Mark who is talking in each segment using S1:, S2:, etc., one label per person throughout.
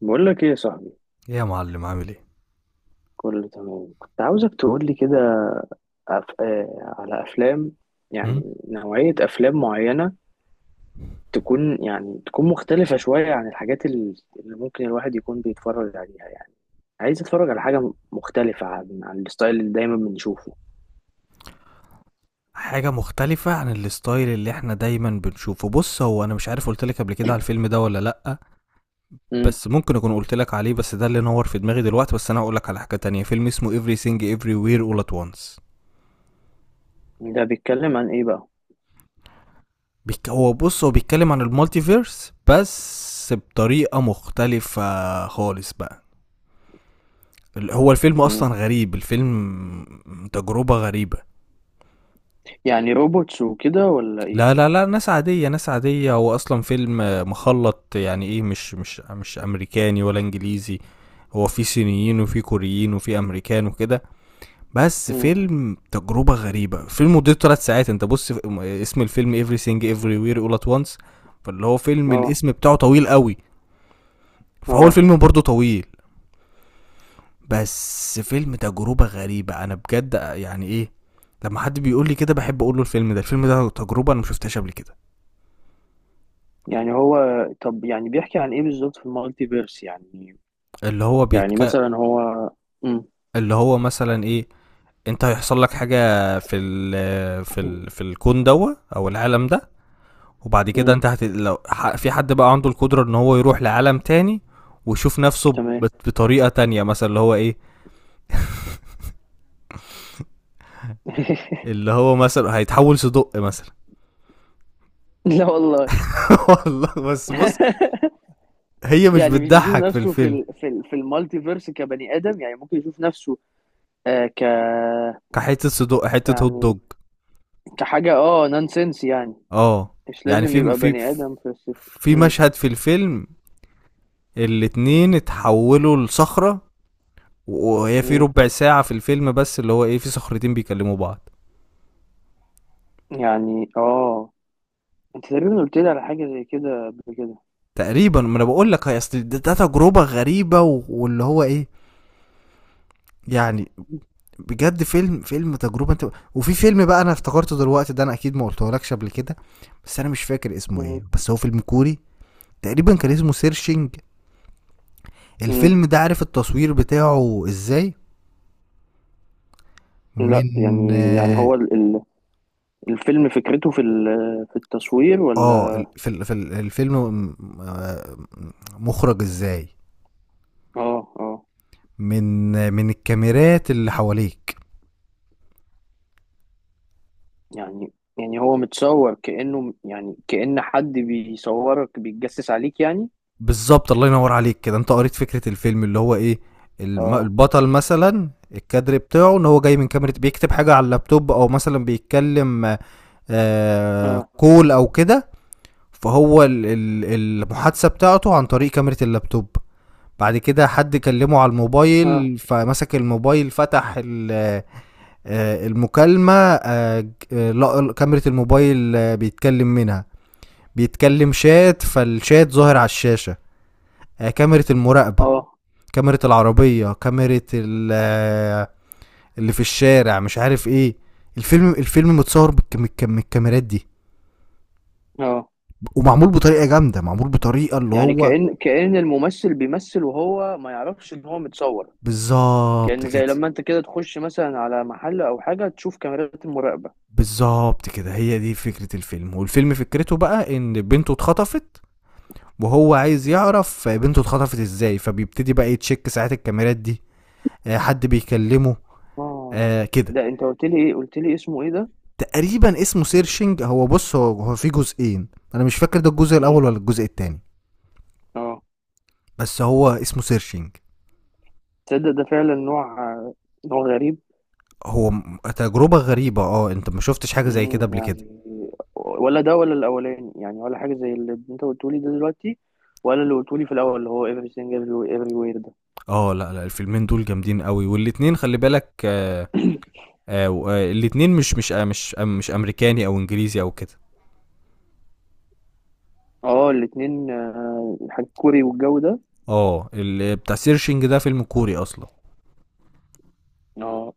S1: بقول لك ايه يا صاحبي؟
S2: ايه يا معلم، عامل ايه؟
S1: كله تمام. كنت عاوزك تقول لي كده. أف... آه على افلام،
S2: م؟
S1: يعني نوعية افلام معينة، تكون تكون مختلفة شوية عن الحاجات اللي ممكن الواحد يكون بيتفرج عليها يعني. عايز اتفرج على حاجة مختلفة عن الستايل اللي دايما بنشوفه.
S2: حاجة مختلفة عن الستايل اللي احنا دايما بنشوفه. بص، هو انا مش عارف قلتلك قبل كده على الفيلم ده ولا لأ.
S1: امم.
S2: بس ممكن اكون قلتلك عليه، بس ده اللي نور في دماغي دلوقتي. بس انا هقولك على حاجة تانية، فيلم اسمه Everything Everywhere All At Once.
S1: ده بيتكلم عن ايه بقى؟
S2: بيك... هو بص، هو بيتكلم عن المالتيفيرس بس بطريقة مختلفة خالص بقى. هو الفيلم
S1: امم.
S2: اصلا غريب، الفيلم تجربة غريبة.
S1: يعني روبوتس وكده ولا ايه؟
S2: لا لا لا، ناس عادية، ناس عادية، هو أصلا فيلم مخلط، يعني إيه، مش أمريكاني ولا إنجليزي. هو في صينيين وفي كوريين وفي أمريكان وكده. بس
S1: امم،
S2: فيلم تجربة غريبة، فيلم مدته 3 ساعات. أنت بص، اسم الفيلم Everything Everywhere All At Once. فاللي هو فيلم
S1: اه،
S2: الاسم بتاعه طويل قوي، فهو
S1: اه.
S2: الفيلم برضه طويل. بس فيلم تجربة غريبة، أنا بجد يعني إيه لما حد بيقول لي كده بحب أقول له الفيلم ده، الفيلم ده تجربة أنا مشوفتهاش قبل كده.
S1: يعني هو طب يعني بيحكي عن ايه بالظبط في المالتي فيرس يعني؟
S2: اللي هو
S1: يعني
S2: بيتك...
S1: مثلا هو.
S2: اللي هو مثلا ايه. انت هيحصل لك حاجه في الكون دوت او العالم ده. وبعد كده
S1: امم.
S2: انت في حد بقى عنده القدره ان هو يروح لعالم تاني، ويشوف نفسه
S1: تمام.
S2: بطريقه تانية. مثلا اللي هو ايه، اللي هو مثلا هيتحول صدق مثلا.
S1: لا والله.
S2: والله، بس بص، هي مش
S1: يعني مش بيشوف
S2: بتضحك في
S1: نفسه في
S2: الفيلم.
S1: ال في ال في المالتيفيرس كبني ادم، يعني ممكن يشوف نفسه. آه ك
S2: كحته صدق، حته هوت
S1: يعني
S2: دوج.
S1: كحاجه نونسنس يعني،
S2: اه،
S1: مش
S2: يعني
S1: لازم يبقى بني ادم في الصفر.
S2: في مشهد في الفيلم الاتنين اتحولوا لصخره، وهي في
S1: مم.
S2: ربع ساعة في الفيلم بس، اللي هو ايه، في صخرتين بيكلموا بعض.
S1: يعني اه، انت تقريبا قلت لي على حاجه زي كده قبل كده.
S2: تقريبا، ما انا بقول لك، هي اصل ده تجربة غريبة، واللي هو ايه يعني، بجد فيلم تجربة انت. وفي فيلم بقى انا افتكرته دلوقتي ده، انا اكيد ما قلتهولكش قبل كده، بس انا مش فاكر اسمه
S1: مم.
S2: ايه، بس هو فيلم كوري. تقريبا كان اسمه سيرشنج.
S1: مم.
S2: الفيلم ده عارف التصوير بتاعه ازاي؟
S1: لا،
S2: من...
S1: يعني
S2: اه
S1: هو الفيلم فكرته في التصوير
S2: آه،
S1: ولا؟
S2: ال- في ال- في ال- الفيلم م- آه، مخرج ازاي
S1: اه، اه.
S2: من الكاميرات اللي حواليك.
S1: يعني هو متصور كأنه، يعني كأن حد بيصورك بيتجسس عليك يعني.
S2: بالظبط، الله ينور عليك، كده انت قريت فكره الفيلم. اللي هو ايه،
S1: اه،
S2: البطل مثلا الكادر بتاعه ان هو جاي من كاميرا، بيكتب حاجه على اللابتوب او مثلا بيتكلم
S1: اه،
S2: كول او كده. فهو ال- ال- المحادثه بتاعته عن طريق كاميرا اللابتوب. بعد كده حد كلمه على
S1: اه،
S2: الموبايل، فمسك الموبايل، فتح المكالمه، لقى كاميرا الموبايل، بيتكلم منها. بيتكلم شات، فالشات ظاهر على الشاشة. كاميرا المراقبة،
S1: اه،
S2: كاميرا العربية، كاميرا ال- آه، اللي في الشارع مش عارف ايه. الفيلم متصور بالكاميرات دي،
S1: اه.
S2: ومعمول بطريقة جامدة، معمول بطريقة اللي
S1: يعني
S2: هو...
S1: كأن الممثل بيمثل وهو ما يعرفش ان هو متصور،
S2: بالظبط
S1: كأن
S2: كده،
S1: زي لما انت كده تخش مثلا على محل او حاجة تشوف كاميرات المراقبة.
S2: بالظبط كده، هي دي فكرة الفيلم. والفيلم فكرته بقى ان بنته اتخطفت، وهو عايز يعرف بنته اتخطفت ازاي، فبيبتدي بقى يتشك ساعات الكاميرات دي. حد بيكلمه،
S1: اه.
S2: كده.
S1: ده انت قلت لي ايه، قلت لي اسمه ايه ده؟
S2: تقريبا اسمه سيرشنج. هو بص، هو في جزئين، انا مش فاكر ده الجزء
S1: مم.
S2: الاول ولا الجزء التاني.
S1: اه.
S2: بس هو اسمه سيرشنج.
S1: تصدق ده فعلا نوع، غريب.
S2: هو تجربة غريبة، اه، انت ما شفتش حاجة زي كده
S1: مم،
S2: قبل كده.
S1: يعني ولا ده ولا الاولاني يعني، ولا حاجه زي اللي انت قلتولي ده دلوقتي، ولا اللي قلتولي في الاول اللي هو everything everywhere ده.
S2: اه، لا لا، الفيلمين دول جامدين قوي، والاتنين خلي بالك. الاتنين مش امريكاني او انجليزي او كده.
S1: اه الاتنين. حاجة كوري والجو ده.
S2: اه، بتاع سيرشنج ده فيلم كوري اصلا.
S1: اه،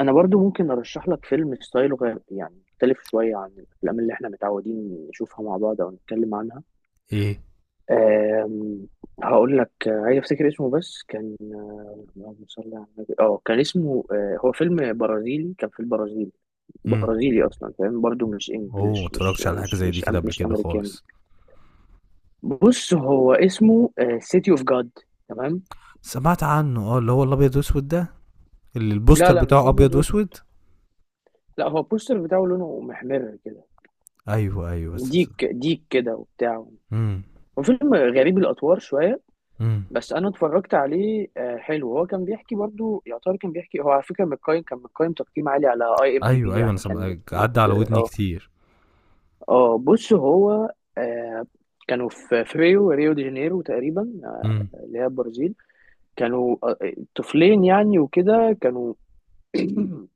S1: انا برضو ممكن ارشح لك فيلم ستايله غير، يعني مختلف شويه عن الافلام اللي احنا متعودين نشوفها مع بعض او نتكلم عنها.
S2: ايه؟
S1: آم، هقول لك. عايز افتكر اسمه. بس كان اللهم صل على النبي. اه، كان اسمه هو فيلم برازيلي، كان في البرازيل.
S2: امم.
S1: برازيلي اصلا فاهم؟ برضو مش
S2: اوه، ما
S1: انجلش، مش
S2: اتفرجتش على حاجة
S1: مش
S2: زي دي
S1: مش
S2: كده
S1: أم
S2: قبل
S1: مش
S2: كده
S1: امريكاني.
S2: خالص.
S1: بص، هو اسمه سيتي اوف جاد. تمام.
S2: سمعت عنه، اه، اللي هو الابيض واسود ده، اللي
S1: لا،
S2: البوستر
S1: لا، مش
S2: بتاعه
S1: ابيض
S2: ابيض
S1: واسود،
S2: واسود.
S1: لا، هو البوستر بتاعه لونه محمر كده،
S2: ايوه ايوه، بس.
S1: ديك كده وبتاع.
S2: امم.
S1: هو فيلم غريب الاطوار شويه.
S2: امم.
S1: بس انا اتفرجت عليه، حلو. هو كان بيحكي، برضو يعتبر كان بيحكي هو، على فكره متقيم، كان متقيم تقييم عالي على اي ام دي
S2: ايوه
S1: بي
S2: ايوه، انا
S1: يعني. كان مت...
S2: عدى على
S1: مت...
S2: ودني
S1: اه
S2: كتير.
S1: اه بص هو. آه، كانوا في ريو دي جانيرو تقريبا،
S2: امم.
S1: اللي هي البرازيل. كانوا طفلين يعني وكده. كانوا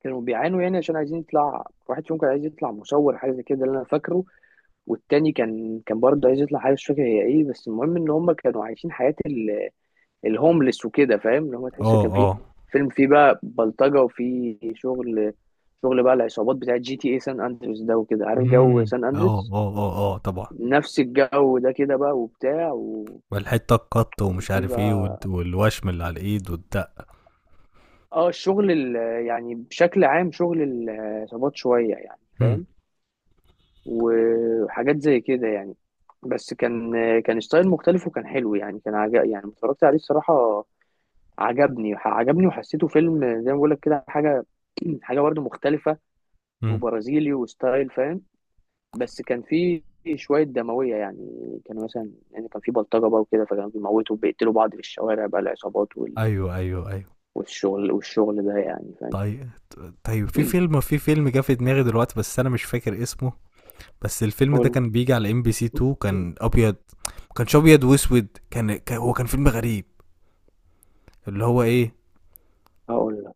S1: كانوا بيعانوا يعني، عشان عايزين يطلع واحد فيهم، كان عايز يطلع مصور حاجه زي كده، ده اللي انا فاكره. والتاني كان برضه عايز يطلع حاجه، مش فاكر هي ايه. بس المهم ان هم كانوا عايشين حياه الهوملس وكده، فاهم؟ اللي هم تحس
S2: اه
S1: كان في
S2: اه.
S1: فيلم، فيه بقى بلطجه، وفيه شغل، شغل بقى العصابات بتاعه GTA سان اندريس ده، وكده عارف جو
S2: امم.
S1: سان
S2: اه
S1: اندريس،
S2: اه اه اه، طبعا.
S1: نفس الجو ده كده بقى، وبتاع
S2: والحته القط ومش
S1: وفي
S2: عارف ايه،
S1: بقى
S2: والوشم اللي على الايد والدقه.
S1: اه الشغل يعني بشكل عام شغل العصابات شوية، يعني
S2: امم.
S1: فاهم، وحاجات زي كده يعني. بس كان كان ستايل مختلف وكان حلو يعني، كان عجب يعني لما اتفرجت عليه الصراحة. عجبني، وحسيته فيلم زي ما بقول لك كده، حاجة حاجة برضه مختلفة،
S2: امم.
S1: وبرازيلي وستايل، فاهم؟ بس كان فيه شوية دموية يعني، كان مثلا، كان فيه بلطجة بقى وكده، فكانوا بيموتوا وبيقتلوا بعض في الشوارع بقى، العصابات
S2: ايوه ايوه ايوه.
S1: والشغل، ده، يعني فاهم.
S2: طيب. طيب، في فيلم جه في دماغي دلوقتي بس انا مش فاكر اسمه. بس الفيلم ده
S1: قول.
S2: كان بيجي على ام بي سي 2، كان ابيض. ما كانش ابيض واسود، هو كان فيلم غريب، اللي هو ايه،
S1: هقول.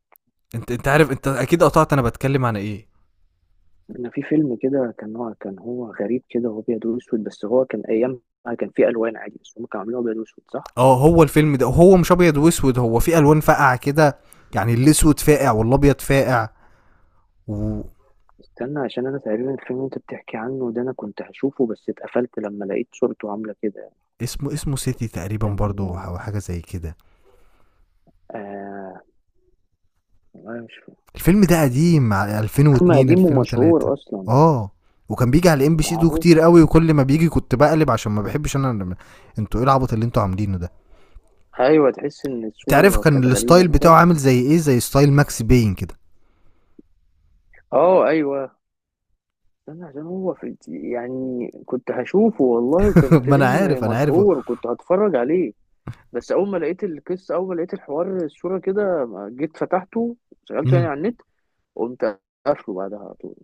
S2: انت عارف، انت اكيد قطعت انا بتكلم عن ايه.
S1: انا في فيلم كده، كان هو غريب كده، هو ابيض واسود، بس هو كان ايامها كان فيه الوان عادي، بس هم كانوا عاملينه ابيض واسود صح.
S2: اه، هو الفيلم ده هو مش ابيض واسود، هو في الوان فاقعه كده، يعني الاسود فاقع والابيض فاقع. واسمه...
S1: استنى، عشان انا تقريبا الفيلم اللي انت بتحكي عنه ده انا كنت هشوفه، بس اتقفلت لما لقيت صورته عامله كده.
S2: اسمه سيتي تقريبا
S1: كان
S2: برضو او حاجه زي كده.
S1: آه والله مش فاكر.
S2: الفيلم ده قديم،
S1: فيلم
S2: 2002
S1: قديم
S2: 2003.
S1: ومشهور اصلا.
S2: اه، وكان بيجي على ام بي سي 2
S1: معروف.
S2: كتير قوي، وكل ما بيجي كنت بقلب، عشان ما بحبش انا. انتوا ايه العبط اللي انتوا عاملينه ده!
S1: ايوه، تحس ان
S2: تعرف
S1: الصوره
S2: كان
S1: كانت غريبه،
S2: الستايل
S1: انا
S2: بتاعه
S1: فاكر.
S2: عامل زي ايه؟ زي ستايل ماكس باين كده.
S1: اه، ايوه. استنى، عشان هو في يعني كنت هشوفه والله، وكان
S2: ما انا
S1: فيلم
S2: عارف، انا عارف.
S1: مشهور، وكنت هتفرج عليه، بس اول ما لقيت القصه، اول ما لقيت الحوار، الصوره كده ما جيت فتحته، شغلته يعني
S2: مم.
S1: على النت، قمت قافله بعدها على طول.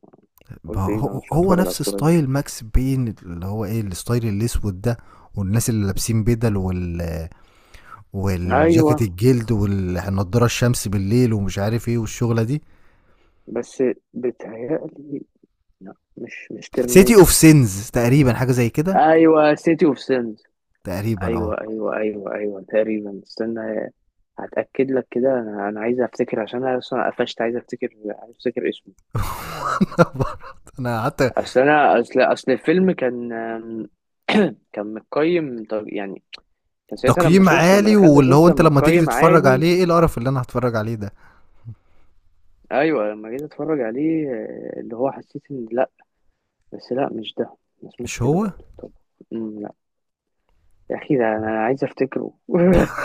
S1: قلت
S2: ما
S1: ايه ده، أنا
S2: هو
S1: مش
S2: هو
S1: هتفرج على
S2: نفس
S1: الصوره دي.
S2: ستايل ماكس بين، اللي هو ايه، الستايل الاسود ده، والناس اللي لابسين بدل وال
S1: ايوه.
S2: والجاكيت الجلد والنضاره الشمس بالليل ومش عارف ايه والشغله دي.
S1: بس بتهيألي، لا، مش
S2: سيتي اوف
S1: ترمينيتور.
S2: سينز تقريبا، حاجه زي كده.
S1: ايوه، سيتي اوف سينز.
S2: تقريبا اه.
S1: ايوه، ايوه، ايوه، ايوه، تقريبا. استنى هتاكد لك كده، انا عايز افتكر، عشان انا اصلا قفشت عايز افتكر، عايز افتكر اسمه.
S2: انا قعدت.
S1: اصل انا اصل الفيلم كان كان متقيم طب يعني، كان ساعتها لما
S2: تقييم
S1: شفت، لما
S2: عالي،
S1: دخلت
S2: واللي
S1: اشوف
S2: هو،
S1: كان
S2: انت لما تيجي
S1: متقيم
S2: تتفرج
S1: عالي.
S2: عليه، ايه القرف اللي انا هتفرج عليه ده!
S1: ايوه، لما جيت اتفرج عليه اللي هو حسيت ان لا. بس لا، مش ده، ما اسموش
S2: مش
S1: كده
S2: هو.
S1: برضه طب. لا. يا اخي ده انا عايز افتكره.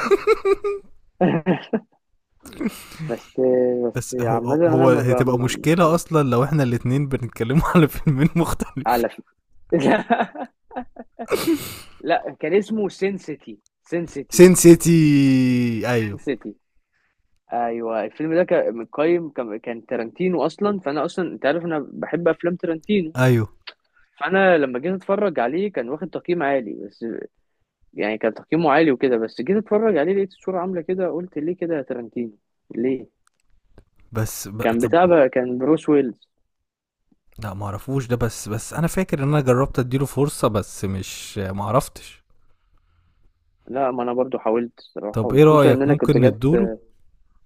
S1: بس، بس
S2: بس
S1: عامة
S2: هو
S1: انا ما ب...
S2: هتبقى
S1: ما...
S2: مشكله اصلا لو احنا الاتنين بنتكلموا على فيلمين مختلفين.
S1: على فكرة. لا، كان اسمه سينسيتي،
S2: سين سيتي. ايوه
S1: سينسيتي. ايوه الفيلم ده كان متقيم، كان تارانتينو اصلا، فانا اصلا انت عارف انا بحب افلام تارانتينو،
S2: ايوه،
S1: فانا لما جيت اتفرج عليه كان واخد تقييم عالي، بس يعني كان تقييمه عالي وكده، بس جيت اتفرج عليه لقيت الصورة عاملة كده، قلت ليه كده يا تارانتينو، ليه؟
S2: بس
S1: كان
S2: طب،
S1: بتاع بقى، كان بروس ويلز.
S2: لا ما اعرفوش ده، بس انا فاكر ان انا جربت اديله فرصة، بس مش، ما عرفتش.
S1: لا، ما انا برضو حاولت الصراحة،
S2: طب ايه
S1: وخصوصا ان
S2: رأيك،
S1: انا كنت
S2: ممكن
S1: جت،
S2: ندوله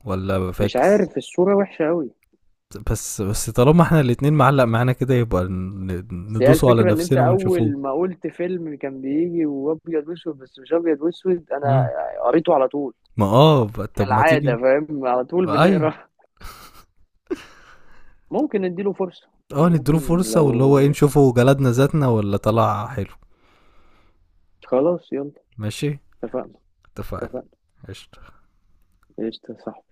S2: ولا
S1: مش
S2: فاكس.
S1: عارف، الصورة وحشة قوي.
S2: بس طالما احنا الاتنين معلق معانا كده، يبقى
S1: بس هي
S2: ندوسه على
S1: الفكرة ان انت
S2: نفسنا ونشوفوه.
S1: اول ما قلت فيلم كان بيجي وابيض واسود بس مش ابيض واسود، انا
S2: امم.
S1: قريته على طول،
S2: ما اه، طب ما
S1: كالعادة
S2: تيجي.
S1: فاهم، على طول
S2: ايوه.
S1: بنقرا. ممكن نديله فرصة
S2: اه،
S1: يعني،
S2: نديله
S1: ممكن
S2: فرصة، واللي هو ايه،
S1: لو
S2: نشوفه جلدنا ذاتنا ولا طلع حلو.
S1: خلاص يلا.
S2: ماشي.
S1: اتفقنا.
S2: اتفقنا.
S1: اتفقنا.
S2: قشطة.
S1: قشطة، صح.